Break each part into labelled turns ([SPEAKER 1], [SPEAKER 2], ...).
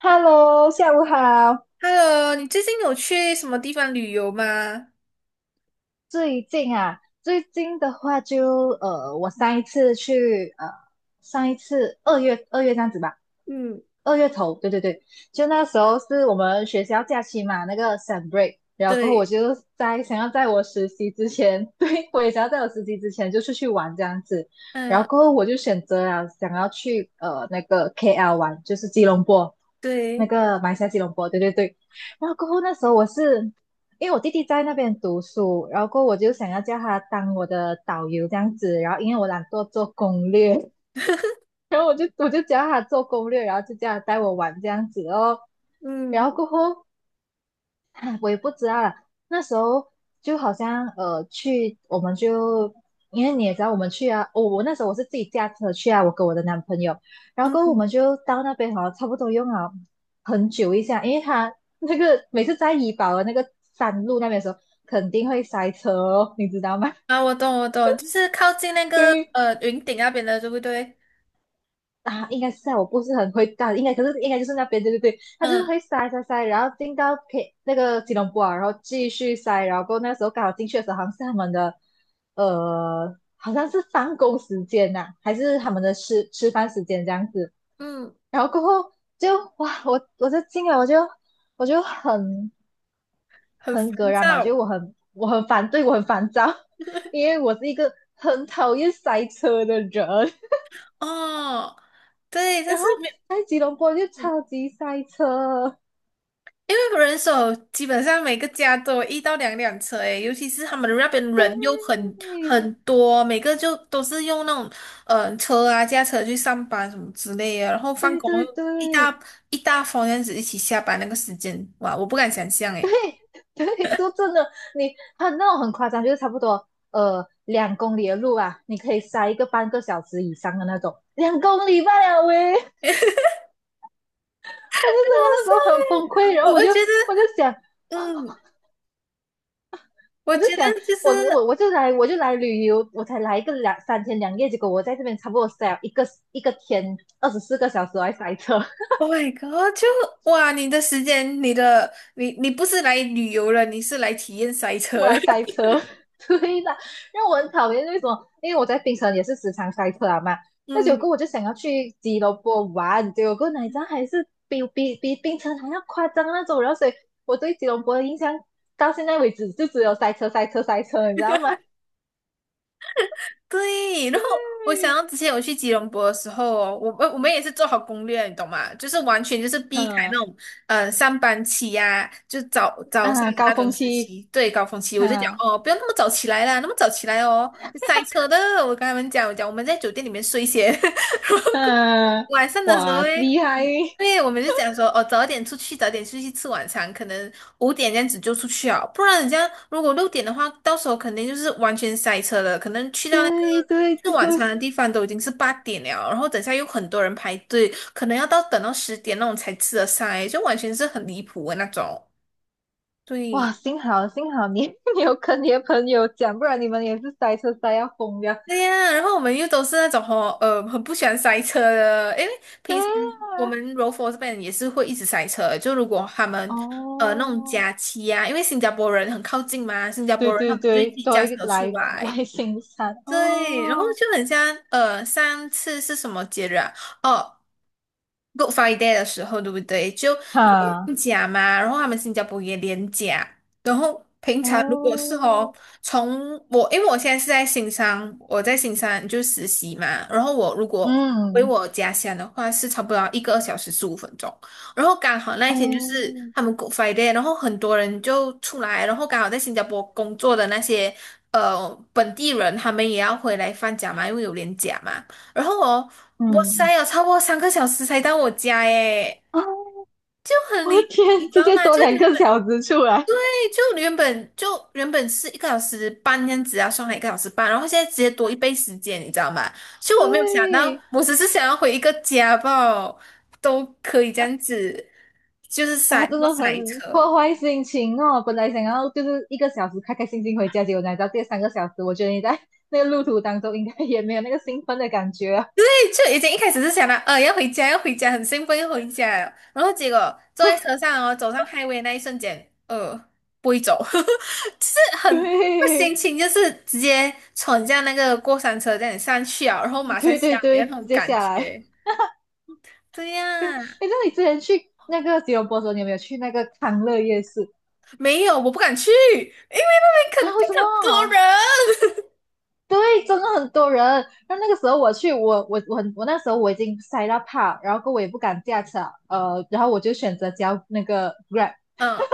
[SPEAKER 1] Hello，下午好。
[SPEAKER 2] Hello，你最近有去什么地方旅游吗？
[SPEAKER 1] 最近啊，最近的话就我上一次二月这样子吧，
[SPEAKER 2] 嗯
[SPEAKER 1] 二月头，对对对，就那时候是我们学校假期嘛，那个 s u m break，然后过后我
[SPEAKER 2] 对，
[SPEAKER 1] 就在想要在我实习之前，对，我也想要在我实习之前就出去玩这样子，然后
[SPEAKER 2] 嗯，
[SPEAKER 1] 过后我就选择了想要去那个 KL 玩，就是吉隆坡。那
[SPEAKER 2] 对，
[SPEAKER 1] 个马来西亚吉隆坡，对对对。然后过后那时候我是因为我弟弟在那边读书，然后过后我就想要叫他当我的导游这样子，然后因为我懒惰做攻略，然后我就叫他做攻略，然后就叫他带我玩这样子哦。然
[SPEAKER 2] 嗯，
[SPEAKER 1] 后过后 啊我也不知道啦，那时候就好像去，我们就因为你也知道我们去啊，我那时候我是自己驾车去啊，我跟我的男朋友，然后过后我
[SPEAKER 2] 嗯，
[SPEAKER 1] 们就到那边哦，差不多用了很久一下，因为他那个每次在怡保的那个山路那边的时候，肯定会塞车哦，你知道吗？
[SPEAKER 2] 啊，我懂，我懂，就是靠近那 个
[SPEAKER 1] 对，
[SPEAKER 2] 云顶那边的，对不对？
[SPEAKER 1] 啊，应该是在我不是很会干，应该可是应该就是那边，对对对，他就是
[SPEAKER 2] 嗯，
[SPEAKER 1] 会塞塞塞，然后进到 那个吉隆坡啊，然后继续塞，然后过后那个时候刚好进去的时候，好像是他们的，好像是放工时间呐、还是他们的吃饭时间这样子，
[SPEAKER 2] 嗯，
[SPEAKER 1] 然后过后就哇，我就进来，我就很
[SPEAKER 2] 很
[SPEAKER 1] 很葛
[SPEAKER 2] 烦
[SPEAKER 1] 然嘛，
[SPEAKER 2] 躁。
[SPEAKER 1] 就我很反对，我很烦躁，因为我是一个很讨厌塞车的人。
[SPEAKER 2] 哦，对，但
[SPEAKER 1] 然
[SPEAKER 2] 是
[SPEAKER 1] 后
[SPEAKER 2] 没。
[SPEAKER 1] 在吉隆坡就
[SPEAKER 2] 嗯
[SPEAKER 1] 超级塞车，
[SPEAKER 2] 因为人手基本上每个家都有1到2辆车诶，尤其是他们那边
[SPEAKER 1] 对，
[SPEAKER 2] 人又很多，每个就都是用那种车啊、驾车去上班什么之类的，然后放
[SPEAKER 1] 对
[SPEAKER 2] 工
[SPEAKER 1] 对
[SPEAKER 2] 又一
[SPEAKER 1] 对
[SPEAKER 2] 大一大方样子一起下班那个时间，哇，我不敢想象诶。
[SPEAKER 1] 对，就真的你很那种很夸张，就是差不多两公里的路啊，你可以塞半个小时以上的那种，2公里半啊喂，我就整个
[SPEAKER 2] 很好
[SPEAKER 1] 那时
[SPEAKER 2] 笑
[SPEAKER 1] 候很崩
[SPEAKER 2] 诶
[SPEAKER 1] 溃，然
[SPEAKER 2] 我
[SPEAKER 1] 后我
[SPEAKER 2] 我
[SPEAKER 1] 就
[SPEAKER 2] 觉得，
[SPEAKER 1] 我就想。
[SPEAKER 2] 嗯，我
[SPEAKER 1] 我就
[SPEAKER 2] 觉得
[SPEAKER 1] 想，
[SPEAKER 2] 就是
[SPEAKER 1] 我就来旅游，我才来一个两三天两夜，结果我在这边差不多塞了一个天24个小时来塞车，
[SPEAKER 2] ，Oh my God，就哇，你的时间，你的你你不是来旅游了，你是来体验塞
[SPEAKER 1] 我
[SPEAKER 2] 车了
[SPEAKER 1] 来塞车，对的，让我很讨厌。为什么？因为我在槟城也是时常塞车啊嘛。那结
[SPEAKER 2] 嗯。
[SPEAKER 1] 果我就想要去吉隆坡玩，结果哪吒还是比槟城还要夸张那种。然后所以我对吉隆坡的印象到现在为止就只有塞车、塞车、塞车，你知道吗？
[SPEAKER 2] 对，然后我想
[SPEAKER 1] 对，
[SPEAKER 2] 到之前我去吉隆坡的时候哦，我们也是做好攻略，你懂吗？就是完全就是避开那
[SPEAKER 1] 嗯
[SPEAKER 2] 种上班期呀、就早上
[SPEAKER 1] 啊，
[SPEAKER 2] 的
[SPEAKER 1] 高
[SPEAKER 2] 那种
[SPEAKER 1] 峰
[SPEAKER 2] 时
[SPEAKER 1] 期，
[SPEAKER 2] 期，对，高峰期，我就讲
[SPEAKER 1] 啊
[SPEAKER 2] 哦，不要那么早起来啦，那么早起来哦，塞车的。我跟他们讲，我讲我们在酒店里面睡先。
[SPEAKER 1] 嗯、啊
[SPEAKER 2] 晚上的时候
[SPEAKER 1] 哇，
[SPEAKER 2] 诶，
[SPEAKER 1] 厉害！
[SPEAKER 2] 对，我们就讲说，哦，早点出去，早点出去吃晚餐，可能5点这样子就出去啊，不然你这样如果6点的话，到时候肯定就是完全塞车了，可能去到那个
[SPEAKER 1] 对对对，
[SPEAKER 2] 吃晚餐的地方都已经是8点了，然后等下又很多人排队，可能要到等到10点那种才吃得上诶，就完全是很离谱的那种。
[SPEAKER 1] 哇，
[SPEAKER 2] 对，
[SPEAKER 1] 幸好你 你有跟你的朋友讲，不然你们也是塞车塞要疯掉。
[SPEAKER 2] 对呀，然后我们又都是那种吼，很不喜欢塞车的，因为
[SPEAKER 1] 对
[SPEAKER 2] 平时我们柔佛这边也是会一直塞车。就如果他
[SPEAKER 1] 啊，
[SPEAKER 2] 们那种
[SPEAKER 1] 哦，
[SPEAKER 2] 假期啊，因为新加坡人很靠近嘛，新加
[SPEAKER 1] 对
[SPEAKER 2] 坡人他
[SPEAKER 1] 对
[SPEAKER 2] 们就会
[SPEAKER 1] 对，
[SPEAKER 2] 自己
[SPEAKER 1] 多
[SPEAKER 2] 驾
[SPEAKER 1] 一
[SPEAKER 2] 车
[SPEAKER 1] 个
[SPEAKER 2] 出
[SPEAKER 1] 来
[SPEAKER 2] 来，
[SPEAKER 1] 来行山
[SPEAKER 2] 对，然后
[SPEAKER 1] 哦，
[SPEAKER 2] 就很像上次是什么节日啊？哦，Good Friday 的时候，对不对？就有
[SPEAKER 1] 哈，
[SPEAKER 2] 放假嘛，然后他们新加坡也连假，然后平常如果是哦，
[SPEAKER 1] 哦，
[SPEAKER 2] 从我因为我现在是在新山，我在新山就实习嘛，然后我如果回
[SPEAKER 1] 嗯，
[SPEAKER 2] 我家乡的话，是差不多要1个小时15分钟，然后刚好那一天就是
[SPEAKER 1] 哦，
[SPEAKER 2] 他们 Good Friday，然后很多人就出来，然后刚好在新加坡工作的那些本地人，他们也要回来放假嘛，因为有连假嘛。然后哦，我塞
[SPEAKER 1] 嗯，
[SPEAKER 2] 有超过3个小时才到我家耶，
[SPEAKER 1] 哦，
[SPEAKER 2] 就 很
[SPEAKER 1] 我
[SPEAKER 2] 离
[SPEAKER 1] 的
[SPEAKER 2] 谱，你
[SPEAKER 1] 天，
[SPEAKER 2] 知
[SPEAKER 1] 直
[SPEAKER 2] 道
[SPEAKER 1] 接
[SPEAKER 2] 吗？
[SPEAKER 1] 多
[SPEAKER 2] 就
[SPEAKER 1] 两
[SPEAKER 2] 原
[SPEAKER 1] 个
[SPEAKER 2] 本
[SPEAKER 1] 小时出来，
[SPEAKER 2] 对，就原本是一个小时半这样子啊，上海一个小时半，然后现在直接多一倍时间，你知道吗？就我没有想
[SPEAKER 1] 对，
[SPEAKER 2] 到，我只是想要回一个家吧，都可以这样子，就是
[SPEAKER 1] 哇，
[SPEAKER 2] 塞那
[SPEAKER 1] 真
[SPEAKER 2] 么
[SPEAKER 1] 的很
[SPEAKER 2] 塞车。
[SPEAKER 1] 破坏心情哦！本来想要就是一个小时开开心心回家，结果来到第3个小时，我觉得你在那个路途当中应该也没有那个兴奋的感觉啊
[SPEAKER 2] 就已经一开始是想到，要回家，要回家，很兴奋要回家了然后结果坐在车上哦，走上 highway 那一瞬间，不会走，就是很 那个心情就是直接闯下那个过山车这样上去啊，然后马上
[SPEAKER 1] 对
[SPEAKER 2] 下
[SPEAKER 1] 对对
[SPEAKER 2] 来的那
[SPEAKER 1] 对，直
[SPEAKER 2] 种
[SPEAKER 1] 接
[SPEAKER 2] 感
[SPEAKER 1] 下来。
[SPEAKER 2] 觉。对
[SPEAKER 1] 哎，
[SPEAKER 2] 呀，
[SPEAKER 1] 那你之前去那个吉隆坡的时候，你有没有去那个康乐夜市
[SPEAKER 2] 没有，我不敢去，因为那边
[SPEAKER 1] 啊？
[SPEAKER 2] 肯
[SPEAKER 1] 为
[SPEAKER 2] 定
[SPEAKER 1] 什么？
[SPEAKER 2] 很多人。
[SPEAKER 1] 对，真的很多人。然后那个时候我去，我那时候已经塞到怕，然后我也不敢驾车，然后我就选择交那个 Grab。
[SPEAKER 2] 嗯，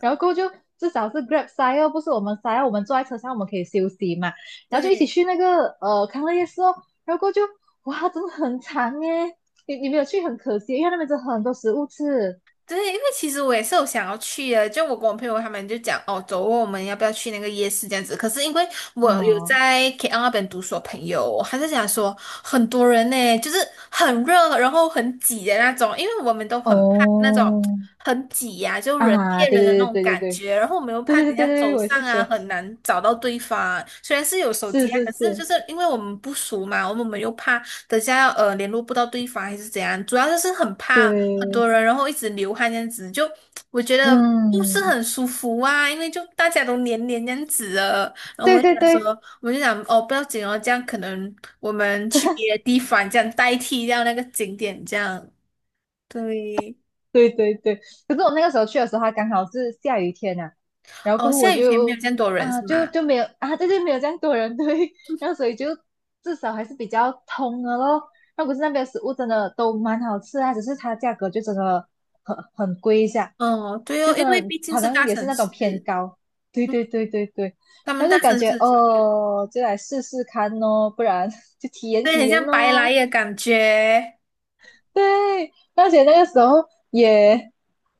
[SPEAKER 1] 然后过后就至少是 Grab 塞哦，不是我们塞哦，我们坐在车上我们可以休息嘛，然后就一起
[SPEAKER 2] 对，
[SPEAKER 1] 去那个康乐夜市哦，然后过后就哇，真的很长耶，你没有去很可惜，因为那边真的很多食物吃，
[SPEAKER 2] 对，因为其实我也是有想要去的，就我跟我朋友他们就讲哦，走哦我们要不要去那个夜市这样子？可是因为我有
[SPEAKER 1] 嗯
[SPEAKER 2] 在 KL 那边读书的朋友哦，还就讲说很多人呢，就是很热，然后很挤的那种，因为我们都
[SPEAKER 1] 哦
[SPEAKER 2] 很怕那种很挤呀、就人贴
[SPEAKER 1] 啊，
[SPEAKER 2] 人的那
[SPEAKER 1] 对
[SPEAKER 2] 种
[SPEAKER 1] 对对对
[SPEAKER 2] 感
[SPEAKER 1] 对
[SPEAKER 2] 觉，然后我们又怕
[SPEAKER 1] 对对对
[SPEAKER 2] 等一下
[SPEAKER 1] 对
[SPEAKER 2] 走
[SPEAKER 1] 对，我也
[SPEAKER 2] 散
[SPEAKER 1] 是
[SPEAKER 2] 啊，
[SPEAKER 1] 觉得
[SPEAKER 2] 很难找到对方啊。虽然是有手
[SPEAKER 1] 是
[SPEAKER 2] 机啊，
[SPEAKER 1] 是
[SPEAKER 2] 可是就
[SPEAKER 1] 是，
[SPEAKER 2] 是因为我们不熟嘛，我们又怕等下联络不到对方还是怎样，主要就是很怕很
[SPEAKER 1] 对，
[SPEAKER 2] 多人，然后一直流汗这样子，就我觉得不是
[SPEAKER 1] 嗯，
[SPEAKER 2] 很舒服啊，因为就大家都黏黏这样子的，然后我
[SPEAKER 1] 对
[SPEAKER 2] 们就
[SPEAKER 1] 对
[SPEAKER 2] 想说，
[SPEAKER 1] 对，
[SPEAKER 2] 我们就想哦不要紧哦，这样可能我们去别的地方这样代替掉那个景点这样，对，
[SPEAKER 1] 对对对，可是我那个时候去的时候，它刚好是下雨天呐、然后
[SPEAKER 2] 哦
[SPEAKER 1] 过后我
[SPEAKER 2] 下雨天没有
[SPEAKER 1] 就
[SPEAKER 2] 这样多人
[SPEAKER 1] 啊，
[SPEAKER 2] 是
[SPEAKER 1] 就
[SPEAKER 2] 吗？
[SPEAKER 1] 就没有啊，对对，没有这样多人对，然后所以就至少还是比较通的咯。那可是那边的食物真的都蛮好吃啊，只是它价格就真的很贵一下，
[SPEAKER 2] 哦对
[SPEAKER 1] 就
[SPEAKER 2] 哦，因
[SPEAKER 1] 真
[SPEAKER 2] 为
[SPEAKER 1] 的
[SPEAKER 2] 毕竟
[SPEAKER 1] 好
[SPEAKER 2] 是
[SPEAKER 1] 像
[SPEAKER 2] 大
[SPEAKER 1] 也是
[SPEAKER 2] 城
[SPEAKER 1] 那种
[SPEAKER 2] 市，
[SPEAKER 1] 偏高。对
[SPEAKER 2] 嗯
[SPEAKER 1] 对对对对，
[SPEAKER 2] 他们
[SPEAKER 1] 然后
[SPEAKER 2] 大
[SPEAKER 1] 就
[SPEAKER 2] 城
[SPEAKER 1] 感觉
[SPEAKER 2] 市就是
[SPEAKER 1] 哦，就来试试看哦，不然 就体验
[SPEAKER 2] 对，
[SPEAKER 1] 体
[SPEAKER 2] 很
[SPEAKER 1] 验
[SPEAKER 2] 像白来
[SPEAKER 1] 哦。
[SPEAKER 2] 的感觉。
[SPEAKER 1] 对，而且那个时候也，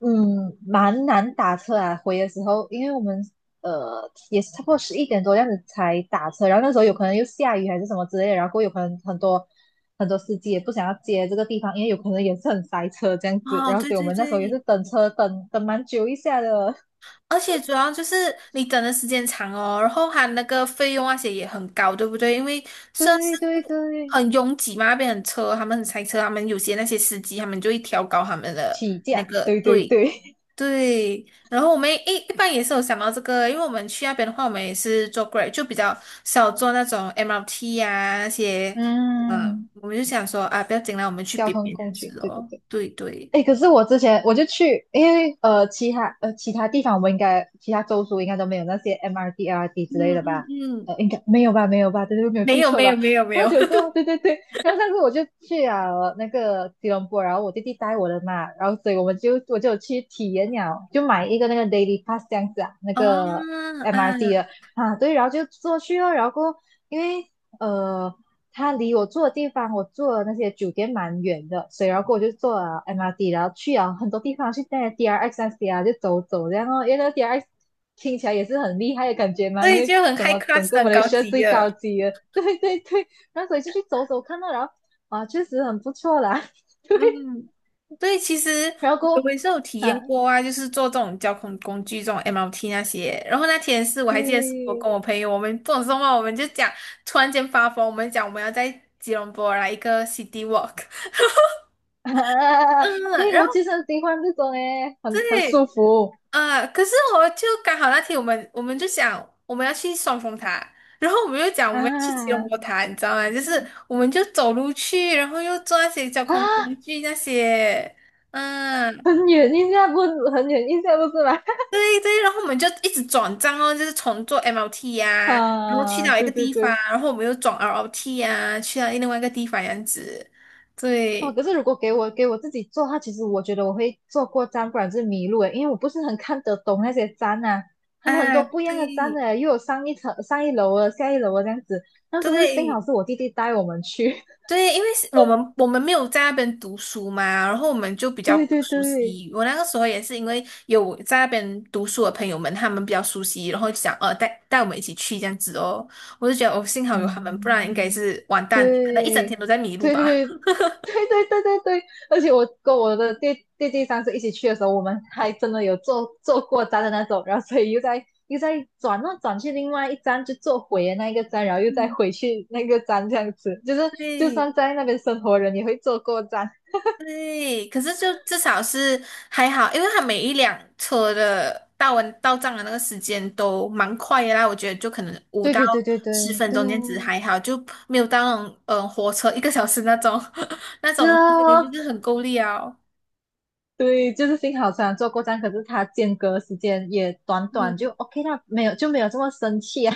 [SPEAKER 1] 蛮难打车啊。回的时候，因为我们也是差不多11点多这样子才打车，然后那时候有可能又下雨还是什么之类的然后有可能很多很多司机也不想要接这个地方，因为有可能也是很塞车这样子。
[SPEAKER 2] 哦，
[SPEAKER 1] 然后
[SPEAKER 2] 对
[SPEAKER 1] 所以我
[SPEAKER 2] 对
[SPEAKER 1] 们那时候也是
[SPEAKER 2] 对，
[SPEAKER 1] 等车等蛮久一下的。
[SPEAKER 2] 而且主要就是你等的时间长哦，然后它那个费用那些也很高，对不对？因为算是
[SPEAKER 1] 对对对，
[SPEAKER 2] 很拥挤嘛，那边很车，他们很塞车，他们有些那些司机他们就会调高他们的
[SPEAKER 1] 起
[SPEAKER 2] 那
[SPEAKER 1] 价，
[SPEAKER 2] 个
[SPEAKER 1] 对对
[SPEAKER 2] 对
[SPEAKER 1] 对，
[SPEAKER 2] 对。然后我们一般也是有想到这个，因为我们去那边的话，我们也是坐 Grab，就比较少坐那种 MRT 呀那 些，嗯、
[SPEAKER 1] 嗯，
[SPEAKER 2] 我们就想说啊，不要紧啦，我们去
[SPEAKER 1] 交
[SPEAKER 2] 别
[SPEAKER 1] 通
[SPEAKER 2] 别
[SPEAKER 1] 工
[SPEAKER 2] 边
[SPEAKER 1] 具，
[SPEAKER 2] 吃
[SPEAKER 1] 对对
[SPEAKER 2] 哦。
[SPEAKER 1] 对。
[SPEAKER 2] 对对，
[SPEAKER 1] 哎，可是我之前我就去，因为其他其他地方我们应该其他州属应该都没有那些 MRT、RT 之
[SPEAKER 2] 嗯
[SPEAKER 1] 类的
[SPEAKER 2] 嗯
[SPEAKER 1] 吧？
[SPEAKER 2] 嗯，
[SPEAKER 1] 应该没有吧？没有吧？对对，没有
[SPEAKER 2] 没
[SPEAKER 1] 记
[SPEAKER 2] 有
[SPEAKER 1] 错
[SPEAKER 2] 没
[SPEAKER 1] 吧？
[SPEAKER 2] 有没有没
[SPEAKER 1] 然后
[SPEAKER 2] 有。
[SPEAKER 1] 结果对对对，然后上次我就去了那个吉隆坡，然后我弟弟带我的嘛，然后所以我就有去体验了，就买一个那个 daily pass 这样子啊，那
[SPEAKER 2] 哦，
[SPEAKER 1] 个 MRT 的
[SPEAKER 2] 嗯，
[SPEAKER 1] 啊，对，然后就坐去了，然后过后因为呃它离我住的地方，我住的那些酒店蛮远的，所以然后我就坐了 MRT，然后去了很多地方，去那些 DRX 那些啊，就走走这样哦。因为那个 DRX 听起来也是很厉害的感觉嘛，因
[SPEAKER 2] 对，
[SPEAKER 1] 为
[SPEAKER 2] 就很
[SPEAKER 1] 怎
[SPEAKER 2] high
[SPEAKER 1] 么整
[SPEAKER 2] class 的
[SPEAKER 1] 个马
[SPEAKER 2] 很
[SPEAKER 1] 来
[SPEAKER 2] 高
[SPEAKER 1] 西亚
[SPEAKER 2] 级
[SPEAKER 1] 最高
[SPEAKER 2] 了。
[SPEAKER 1] 级的，对对对。然后所以就去走走看到，然后啊，确实很不错啦，对。
[SPEAKER 2] 嗯，对，其实
[SPEAKER 1] 然后
[SPEAKER 2] 我
[SPEAKER 1] 过后
[SPEAKER 2] 我也是有体验
[SPEAKER 1] 啊，
[SPEAKER 2] 过啊，就是坐这种交通工具，这种 MRT 那些。然后那天是我还记得，是我跟
[SPEAKER 1] 对
[SPEAKER 2] 我朋友，我们不懂什么，我们就讲，突然间发疯，我们讲我们要在吉隆坡来一个 city walk。
[SPEAKER 1] 啊，
[SPEAKER 2] 嗯，
[SPEAKER 1] 诶，
[SPEAKER 2] 然
[SPEAKER 1] 我
[SPEAKER 2] 后
[SPEAKER 1] 其实很喜欢这种哎，很
[SPEAKER 2] 对，
[SPEAKER 1] 舒服
[SPEAKER 2] 啊，可是我就刚好那天我们就想我们要去双峰塔，然后我们又讲我们要去吉隆
[SPEAKER 1] 啊
[SPEAKER 2] 坡塔，你知道吗？就是我们就走路去，然后又坐那些交通
[SPEAKER 1] 啊，
[SPEAKER 2] 工具那些，嗯，
[SPEAKER 1] 很远一下不很远一下不是吗？
[SPEAKER 2] 对对，然后我们就一直转站哦，就是从坐 MRT 呀、然后去
[SPEAKER 1] 啊，
[SPEAKER 2] 到一个
[SPEAKER 1] 对对
[SPEAKER 2] 地方，
[SPEAKER 1] 对，
[SPEAKER 2] 然后我们又转 l O t 呀、去到另外一个地方这样子，
[SPEAKER 1] 哦，
[SPEAKER 2] 对
[SPEAKER 1] 可是如果给我自己做的话，其实我觉得我会做过站，不然就是迷路诶，因为我不是很看得懂那些站啊，他们很
[SPEAKER 2] 啊，
[SPEAKER 1] 多不一样的站
[SPEAKER 2] 对
[SPEAKER 1] 的，又有上一层、上一楼的、下一楼的这样子。那时候是幸好
[SPEAKER 2] 对。
[SPEAKER 1] 是我弟弟带我们去，
[SPEAKER 2] 对，因为是我们没有在那边读书嘛，然后我们就比 较
[SPEAKER 1] 对
[SPEAKER 2] 不
[SPEAKER 1] 对
[SPEAKER 2] 熟
[SPEAKER 1] 对，
[SPEAKER 2] 悉。我那个时候也是因为有在那边读书的朋友们，他们比较熟悉，然后就想带带我们一起去这样子哦。我就觉得哦，幸好有他们，不然应该
[SPEAKER 1] 嗯。
[SPEAKER 2] 是完蛋，可能一整天
[SPEAKER 1] 对，
[SPEAKER 2] 都在迷路
[SPEAKER 1] 对对
[SPEAKER 2] 吧。
[SPEAKER 1] 对对对对对对，而且我跟我的弟弟上次一起去的时候，我们还真的有坐过站的那种，然后所以又在转那转去另外一站，就坐回的那一个站，然后又再
[SPEAKER 2] 嗯，
[SPEAKER 1] 回去那个站，这样子，就是就
[SPEAKER 2] 对。
[SPEAKER 1] 算在那边生活的人也会坐过站。
[SPEAKER 2] 对，可是就至少是还好，因为它每一辆车的到账的那个时间都蛮快的啦，我觉得就可能五
[SPEAKER 1] 对
[SPEAKER 2] 到
[SPEAKER 1] 对对对
[SPEAKER 2] 十
[SPEAKER 1] 对
[SPEAKER 2] 分
[SPEAKER 1] 对
[SPEAKER 2] 钟
[SPEAKER 1] 啊，
[SPEAKER 2] 这样子还好，就没有到那种火车一个小时那种 那
[SPEAKER 1] 是
[SPEAKER 2] 种，我觉得
[SPEAKER 1] 哦，
[SPEAKER 2] 就是很够力哦。
[SPEAKER 1] 对，就是幸好虽然坐过站，可是它间隔时间也短短，就
[SPEAKER 2] 嗯，
[SPEAKER 1] OK 啦，没有就没有这么生气啊。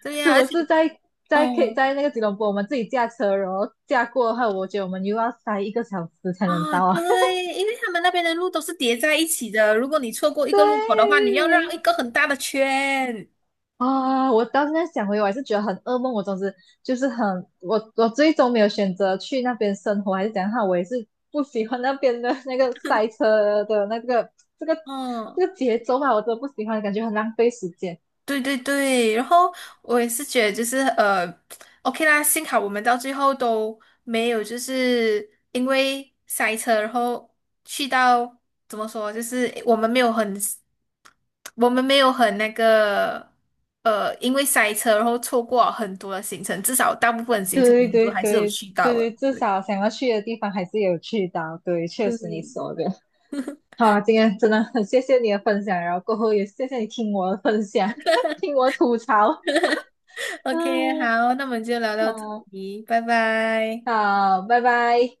[SPEAKER 2] 对 呀、
[SPEAKER 1] 如
[SPEAKER 2] 而
[SPEAKER 1] 果
[SPEAKER 2] 且
[SPEAKER 1] 是在在可以
[SPEAKER 2] 嗯
[SPEAKER 1] 在那个吉隆坡，我们自己驾车，然后驾过的话，我觉得我们又要塞一个小时才能到啊。
[SPEAKER 2] 对，因为他们那边的路都是叠在一起的，如果你错过 一个路口的话，
[SPEAKER 1] 对
[SPEAKER 2] 你要绕一个很大的圈。
[SPEAKER 1] 啊，我当时在想回，我还是觉得很噩梦。我总之就是很，我最终没有选择去那边生活，还是怎样我也是不喜欢那边的那个塞车的那个这个
[SPEAKER 2] 嗯
[SPEAKER 1] 这个节奏吧，我真的不喜欢，感觉很浪费时间。
[SPEAKER 2] 对对对，然后我也是觉得就是OK 啦，幸好我们到最后都没有就是因为塞车，然后去到怎么说，就是我们没有很那个因为塞车然后错过很多的行程，至少大部分行程我
[SPEAKER 1] 对
[SPEAKER 2] 们都
[SPEAKER 1] 对
[SPEAKER 2] 还是有
[SPEAKER 1] 对
[SPEAKER 2] 去到
[SPEAKER 1] 对对，
[SPEAKER 2] 的。
[SPEAKER 1] 至
[SPEAKER 2] 对
[SPEAKER 1] 少想要去的地方还是有去到。对，确实你
[SPEAKER 2] 对。
[SPEAKER 1] 说的。好啊，今天真的很谢谢你的分享，然后过后也谢谢你听我的分享，听我吐槽。
[SPEAKER 2] OK，
[SPEAKER 1] 嗯，
[SPEAKER 2] 好，那我们就聊到这
[SPEAKER 1] 好，
[SPEAKER 2] 里，拜拜。
[SPEAKER 1] 好，拜拜。